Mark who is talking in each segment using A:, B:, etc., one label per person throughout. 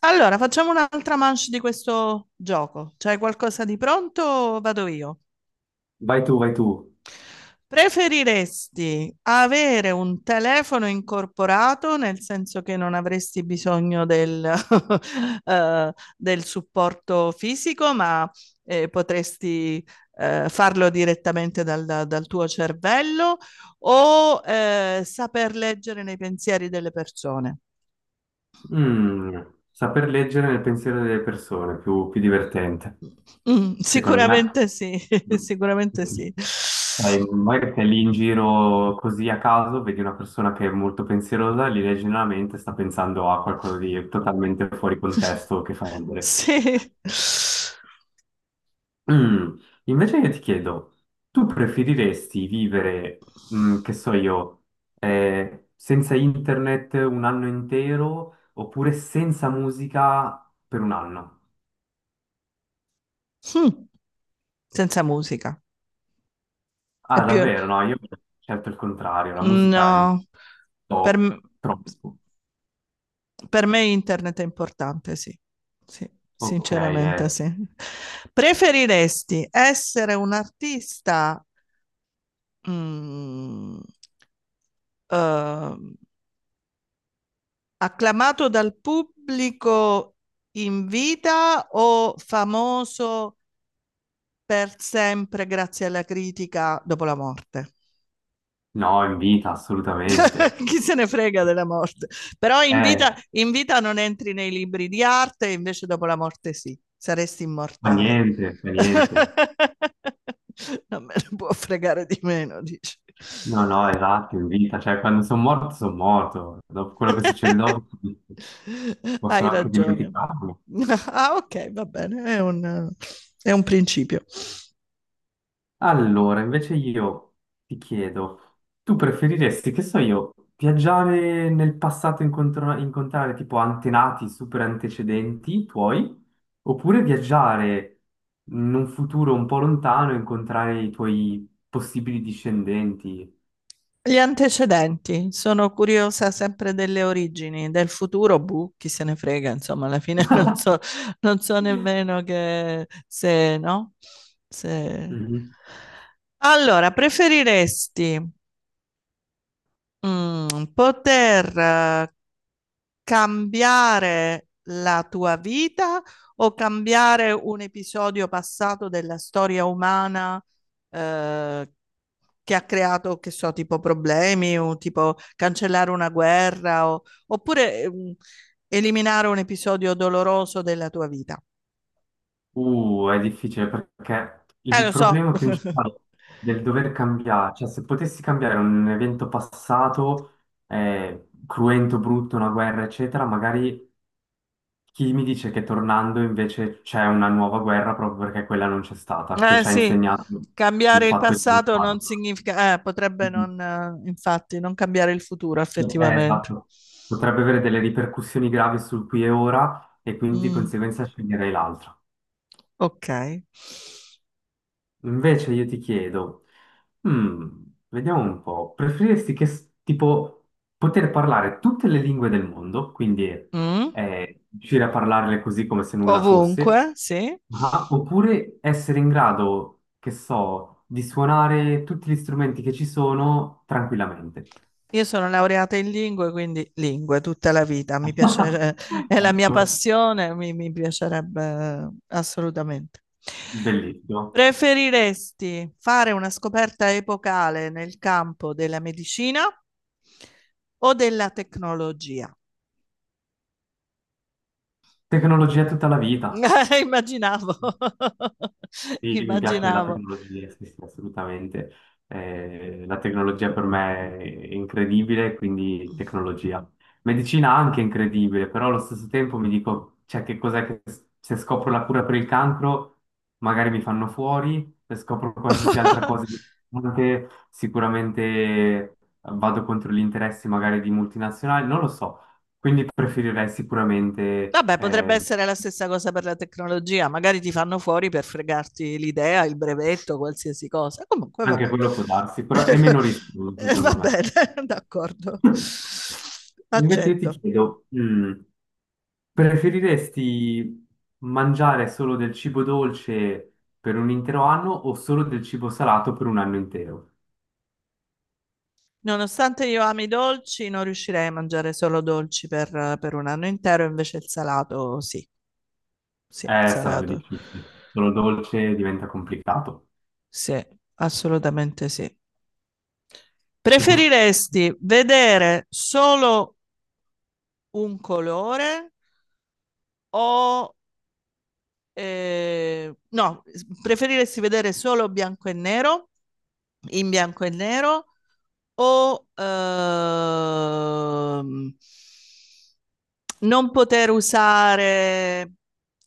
A: Allora, facciamo un'altra manche di questo gioco. C'hai qualcosa di pronto o vado io?
B: Vai tu, vai tu.
A: Preferiresti avere un telefono incorporato, nel senso che non avresti bisogno del, del supporto fisico, ma potresti farlo direttamente dal tuo cervello, o saper leggere nei pensieri delle persone?
B: Mm, Saper leggere nel pensiero delle persone, più, più divertente. Secondo me,
A: Sicuramente sì, sicuramente sì.
B: sì, sai, magari sei lì in giro così a caso, vedi una persona che è molto pensierosa, gli leggi nella mente, sta pensando a qualcosa di totalmente fuori contesto che fa ridere.
A: Sì.
B: Mm, Invece io ti chiedo, tu preferiresti vivere, che so io, senza internet un anno intero oppure senza musica per un anno?
A: Mh. Senza musica. È
B: Ah,
A: più
B: davvero? No, io ho scelto il contrario, la
A: no,
B: musica è un
A: per m
B: po'
A: s
B: troppo.
A: per me internet è importante, sì. Sì,
B: Ok,
A: sinceramente sì. Preferiresti essere un artista, mhmm, uhm acclamato dal pubblico in vita o famoso per sempre grazie alla critica dopo la morte?
B: no, in vita, assolutamente.
A: Chi se ne frega della morte? Però
B: Eh,
A: in vita non entri nei libri di arte, invece dopo la morte sì, saresti
B: Fa
A: immortale.
B: niente, fa niente.
A: Non me ne può fregare di meno, dici.
B: No, no, esatto, in vita, cioè quando sono morto, dopo quello che succede dopo
A: Hai
B: possono anche
A: ragione.
B: dimenticarlo.
A: Ah, ok, va bene, è un principio.
B: Allora, invece io ti chiedo, tu preferiresti, che so io, viaggiare nel passato e incontrare tipo antenati, super antecedenti tuoi, oppure viaggiare in un futuro un po' lontano e incontrare i tuoi possibili discendenti?
A: Gli antecedenti, sono curiosa sempre delle origini, del futuro, boh, chi se ne frega, insomma, alla fine non so, non so nemmeno che se, no? Se...
B: Mhm.
A: Allora, preferiresti mm, poter cambiare la tua vita o cambiare un episodio passato della storia umana eh, che ha creato, che so, tipo problemi o tipo cancellare una guerra o oppure eliminare un episodio doloroso della tua vita.
B: È difficile perché il
A: Lo so.
B: problema principale del dover cambiare, cioè se potessi cambiare un evento passato, cruento, brutto, una guerra, eccetera, magari chi mi dice che tornando invece c'è una nuova guerra proprio perché quella non c'è stata, che
A: Eh
B: ci ha
A: sì,
B: insegnato il
A: cambiare il
B: fatto di non
A: passato non
B: farlo.
A: significa, potrebbe
B: Mm.
A: non, infatti, non cambiare il futuro effettivamente.
B: Esatto. Potrebbe avere delle ripercussioni gravi sul qui e ora e quindi di
A: Mm,
B: conseguenza sceglierei l'altro.
A: ok.
B: Invece io ti chiedo, mm, vediamo un po', preferiresti tipo poter parlare tutte le lingue del mondo, quindi
A: Mm,
B: riuscire a parlarle così come se nulla fosse,
A: ovunque, sì.
B: oppure essere in grado, che so, di suonare tutti gli strumenti che ci sono tranquillamente?
A: Io sono laureata in lingue, quindi lingue tutta la vita. Mi piace, è la mia
B: Ecco,
A: passione, mi piacerebbe assolutamente.
B: bellissimo.
A: Preferiresti fare una scoperta epocale nel campo della medicina o della tecnologia?
B: Tecnologia tutta la vita.
A: Immaginavo,
B: Sì, mi piace la
A: immaginavo.
B: tecnologia, sì, sì, assolutamente. La tecnologia per me è incredibile, quindi tecnologia. Medicina anche incredibile, però allo stesso tempo mi dico, cioè, che cos'è che se scopro la cura per il cancro, magari mi fanno fuori, se scopro qualsiasi altra cosa, importante, sicuramente vado contro gli interessi magari di multinazionali, non lo so. Quindi preferirei sicuramente,
A: Vabbè, potrebbe essere la stessa cosa per la tecnologia, magari ti fanno fuori per fregarti l'idea, il brevetto, qualsiasi cosa. Comunque,
B: anche
A: vabbè.
B: quello può darsi, però è meno rischioso
A: Va
B: secondo me.
A: bene, d'accordo.
B: Invece io ti
A: Accetto.
B: chiedo, preferiresti mangiare solo del cibo dolce per un intero anno o solo del cibo salato per un anno intero?
A: Nonostante io ami i dolci, non riuscirei a mangiare solo dolci per un anno intero, invece il salato, sì, sì, il
B: Sarebbe
A: salato,
B: difficile. Solo dolce diventa complicato.
A: sì, assolutamente sì. Preferiresti vedere solo un colore o no, preferiresti vedere solo bianco e nero, in bianco e nero, o non poter usare,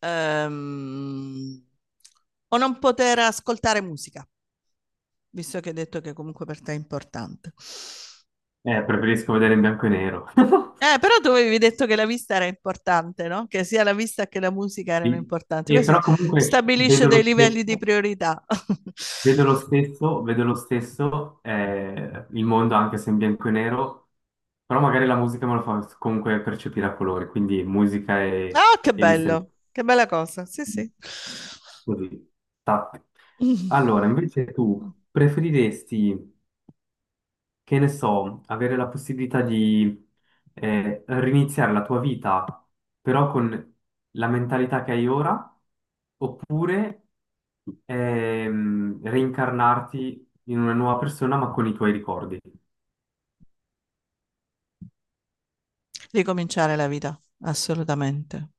A: ehm, o non poter ascoltare musica, visto che hai detto che comunque per te è importante.
B: Preferisco vedere in bianco e nero.
A: Però tu avevi detto che la vista era importante, no? Che sia la vista che la musica erano
B: Sì.
A: importanti.
B: E
A: Questo
B: però comunque
A: stabilisce
B: vedo
A: dei
B: lo
A: livelli di
B: stesso,
A: priorità.
B: vedo lo stesso, vedo lo stesso il mondo anche se in bianco e nero, però magari la musica me lo fa comunque percepire a colori, quindi musica
A: Ah, che
B: e vista in-
A: bello, che bella cosa. Sì, sì.
B: così. Tac.
A: Mm.
B: Allora, invece tu preferiresti che ne so, avere la possibilità di riniziare la tua vita però con la mentalità che hai ora, oppure reincarnarti in una nuova persona ma con i tuoi ricordi.
A: Ricominciare la vita, assolutamente,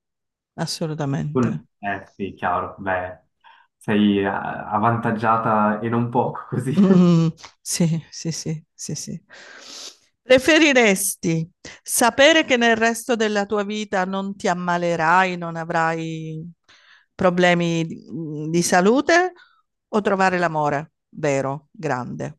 B: Con...
A: assolutamente.
B: Eh sì, chiaro, beh, sei avvantaggiata e non poco così.
A: Mm, sì, sì, sì, sì, sì. Preferiresti sapere che nel resto della tua vita non ti ammalerai, non avrai problemi di salute o trovare l'amore vero, grande.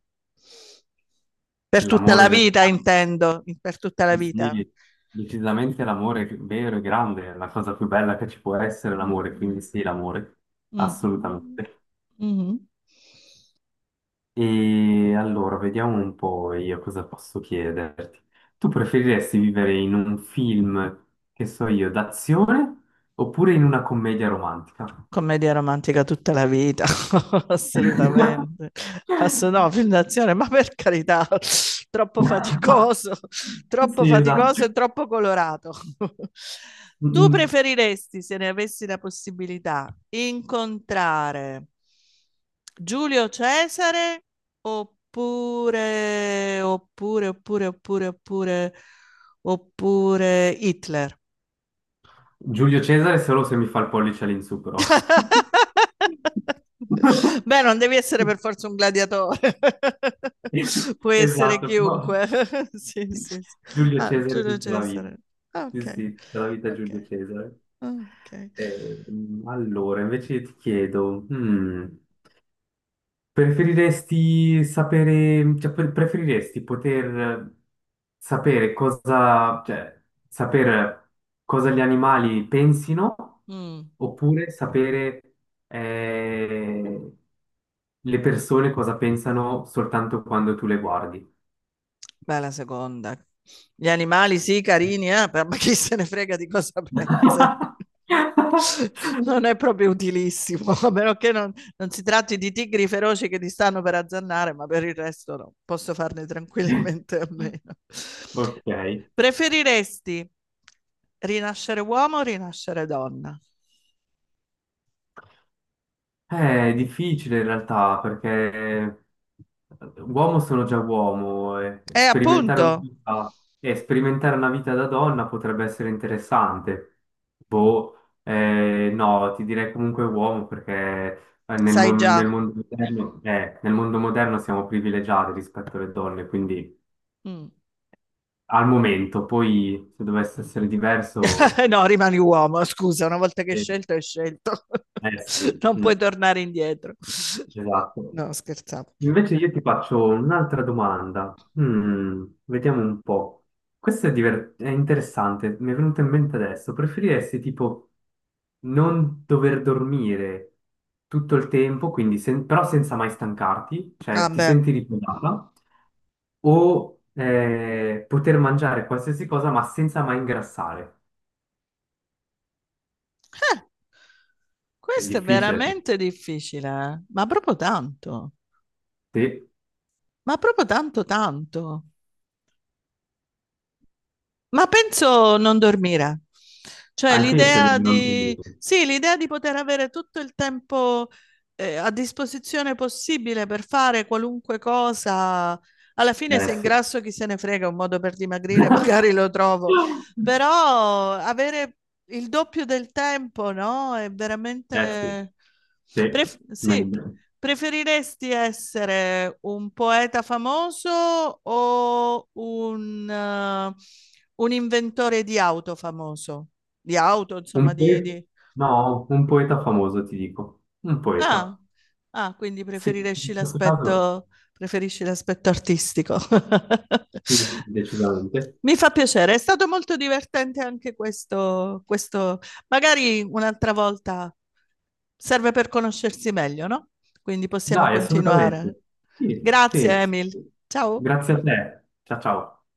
A: Per tutta la
B: L'amore vero.
A: vita, intendo, per tutta la
B: Sì,
A: vita.
B: sì, decisamente l'amore vero e grande è la cosa più bella che ci può essere, l'amore, quindi
A: Mm.
B: sì, l'amore,
A: Mm.
B: assolutamente.
A: Mm-hmm.
B: E allora, vediamo un po' io cosa posso chiederti. Tu preferiresti vivere in un film, che so io, d'azione oppure in una commedia romantica?
A: Commedia romantica tutta la vita, assolutamente. Ass- no, film d'azione, ma per carità, troppo faticoso, troppo
B: Sì, esatto.
A: faticoso e troppo colorato. Tu
B: Mm.
A: preferiresti, se ne avessi la possibilità, incontrare Giulio Cesare oppure, oppure, oppure, oppure, oppure, oppure Hitler?
B: Giulio Cesare solo se mi fa il pollice all'insù, però.
A: Beh, non devi essere per forza un gladiatore, puoi essere
B: Esatto, però
A: chiunque. Sì, sì, sì.
B: Giulio
A: Ah,
B: Cesare
A: Giulio
B: tutta la vita.
A: Cesare. Ah,
B: Sì,
A: ok,
B: sì, tutta la vita Giulio
A: ok,
B: Cesare.
A: ah, ok.
B: Allora, invece ti chiedo, preferiresti sapere, cioè, preferiresti poter sapere cosa, cioè, sapere cosa gli animali pensino
A: Mm.
B: oppure sapere eh, le persone cosa pensano soltanto quando tu le guardi?
A: Beh, la seconda. Gli animali sì, carini, però ma chi se ne frega di cosa pensa? Non è proprio utilissimo, a meno che non, non si tratti di tigri feroci che ti stanno per azzannare, ma per il resto no, posso farne tranquillamente a meno.
B: Ok,
A: Preferiresti rinascere uomo o rinascere donna?
B: eh, è difficile in realtà perché uomo sono già uomo e
A: E
B: sperimentare una
A: appunto,
B: vita, e sperimentare una vita da donna potrebbe essere interessante. Boh, no, ti direi comunque uomo perché
A: sai già.
B: nel mondo moderno siamo privilegiati rispetto alle donne, quindi
A: Mm.
B: al momento, poi se dovesse essere diverso...
A: No, rimani uomo, scusa, una volta che hai
B: eh,
A: scelto, hai scelto.
B: Eh sì,
A: Non puoi tornare indietro.
B: esatto.
A: No, scherzavo.
B: Invece io ti faccio un'altra domanda. Vediamo un po'. Questo è, è interessante, mi è venuto in mente adesso. Preferiresti tipo non dover dormire tutto il tempo, quindi però senza mai stancarti, cioè ti
A: Vabbè.
B: senti riposata, o poter mangiare qualsiasi cosa ma senza mai ingrassare?
A: Eh,
B: È
A: questo è
B: difficile.
A: veramente difficile, eh. Ma proprio tanto,
B: Sì,
A: ma proprio tanto tanto. Ma penso non dormire. Cioè
B: anche io sceglierei
A: l'idea
B: di non
A: di,
B: dormire.
A: sì, l'idea di poter avere tutto il tempo a disposizione possibile per fare qualunque cosa. Alla fine
B: Eh
A: se
B: sì.
A: ingrasso chi se ne frega, un modo per dimagrire magari lo trovo, però avere il doppio del tempo, no? È
B: Eh sì,
A: veramente...
B: sì,
A: Pref- sì,
B: meglio.
A: preferiresti essere un poeta famoso o un inventore di auto famoso, di auto, insomma,
B: Un poeta?
A: di-
B: No, un poeta famoso, ti dico. Un
A: Ah,
B: poeta.
A: ah, quindi
B: Sì, in questo caso
A: preferisci l'aspetto artistico.
B: sì, sì, decisamente.
A: Mi fa piacere, è stato molto divertente anche questo, questo. Magari un'altra volta serve per conoscersi meglio, no? Quindi possiamo
B: Dai,
A: continuare.
B: assolutamente. Sì, sì,
A: Grazie,
B: sì.
A: Emil.
B: Sì.
A: Ciao.
B: Grazie a te. Ciao, ciao.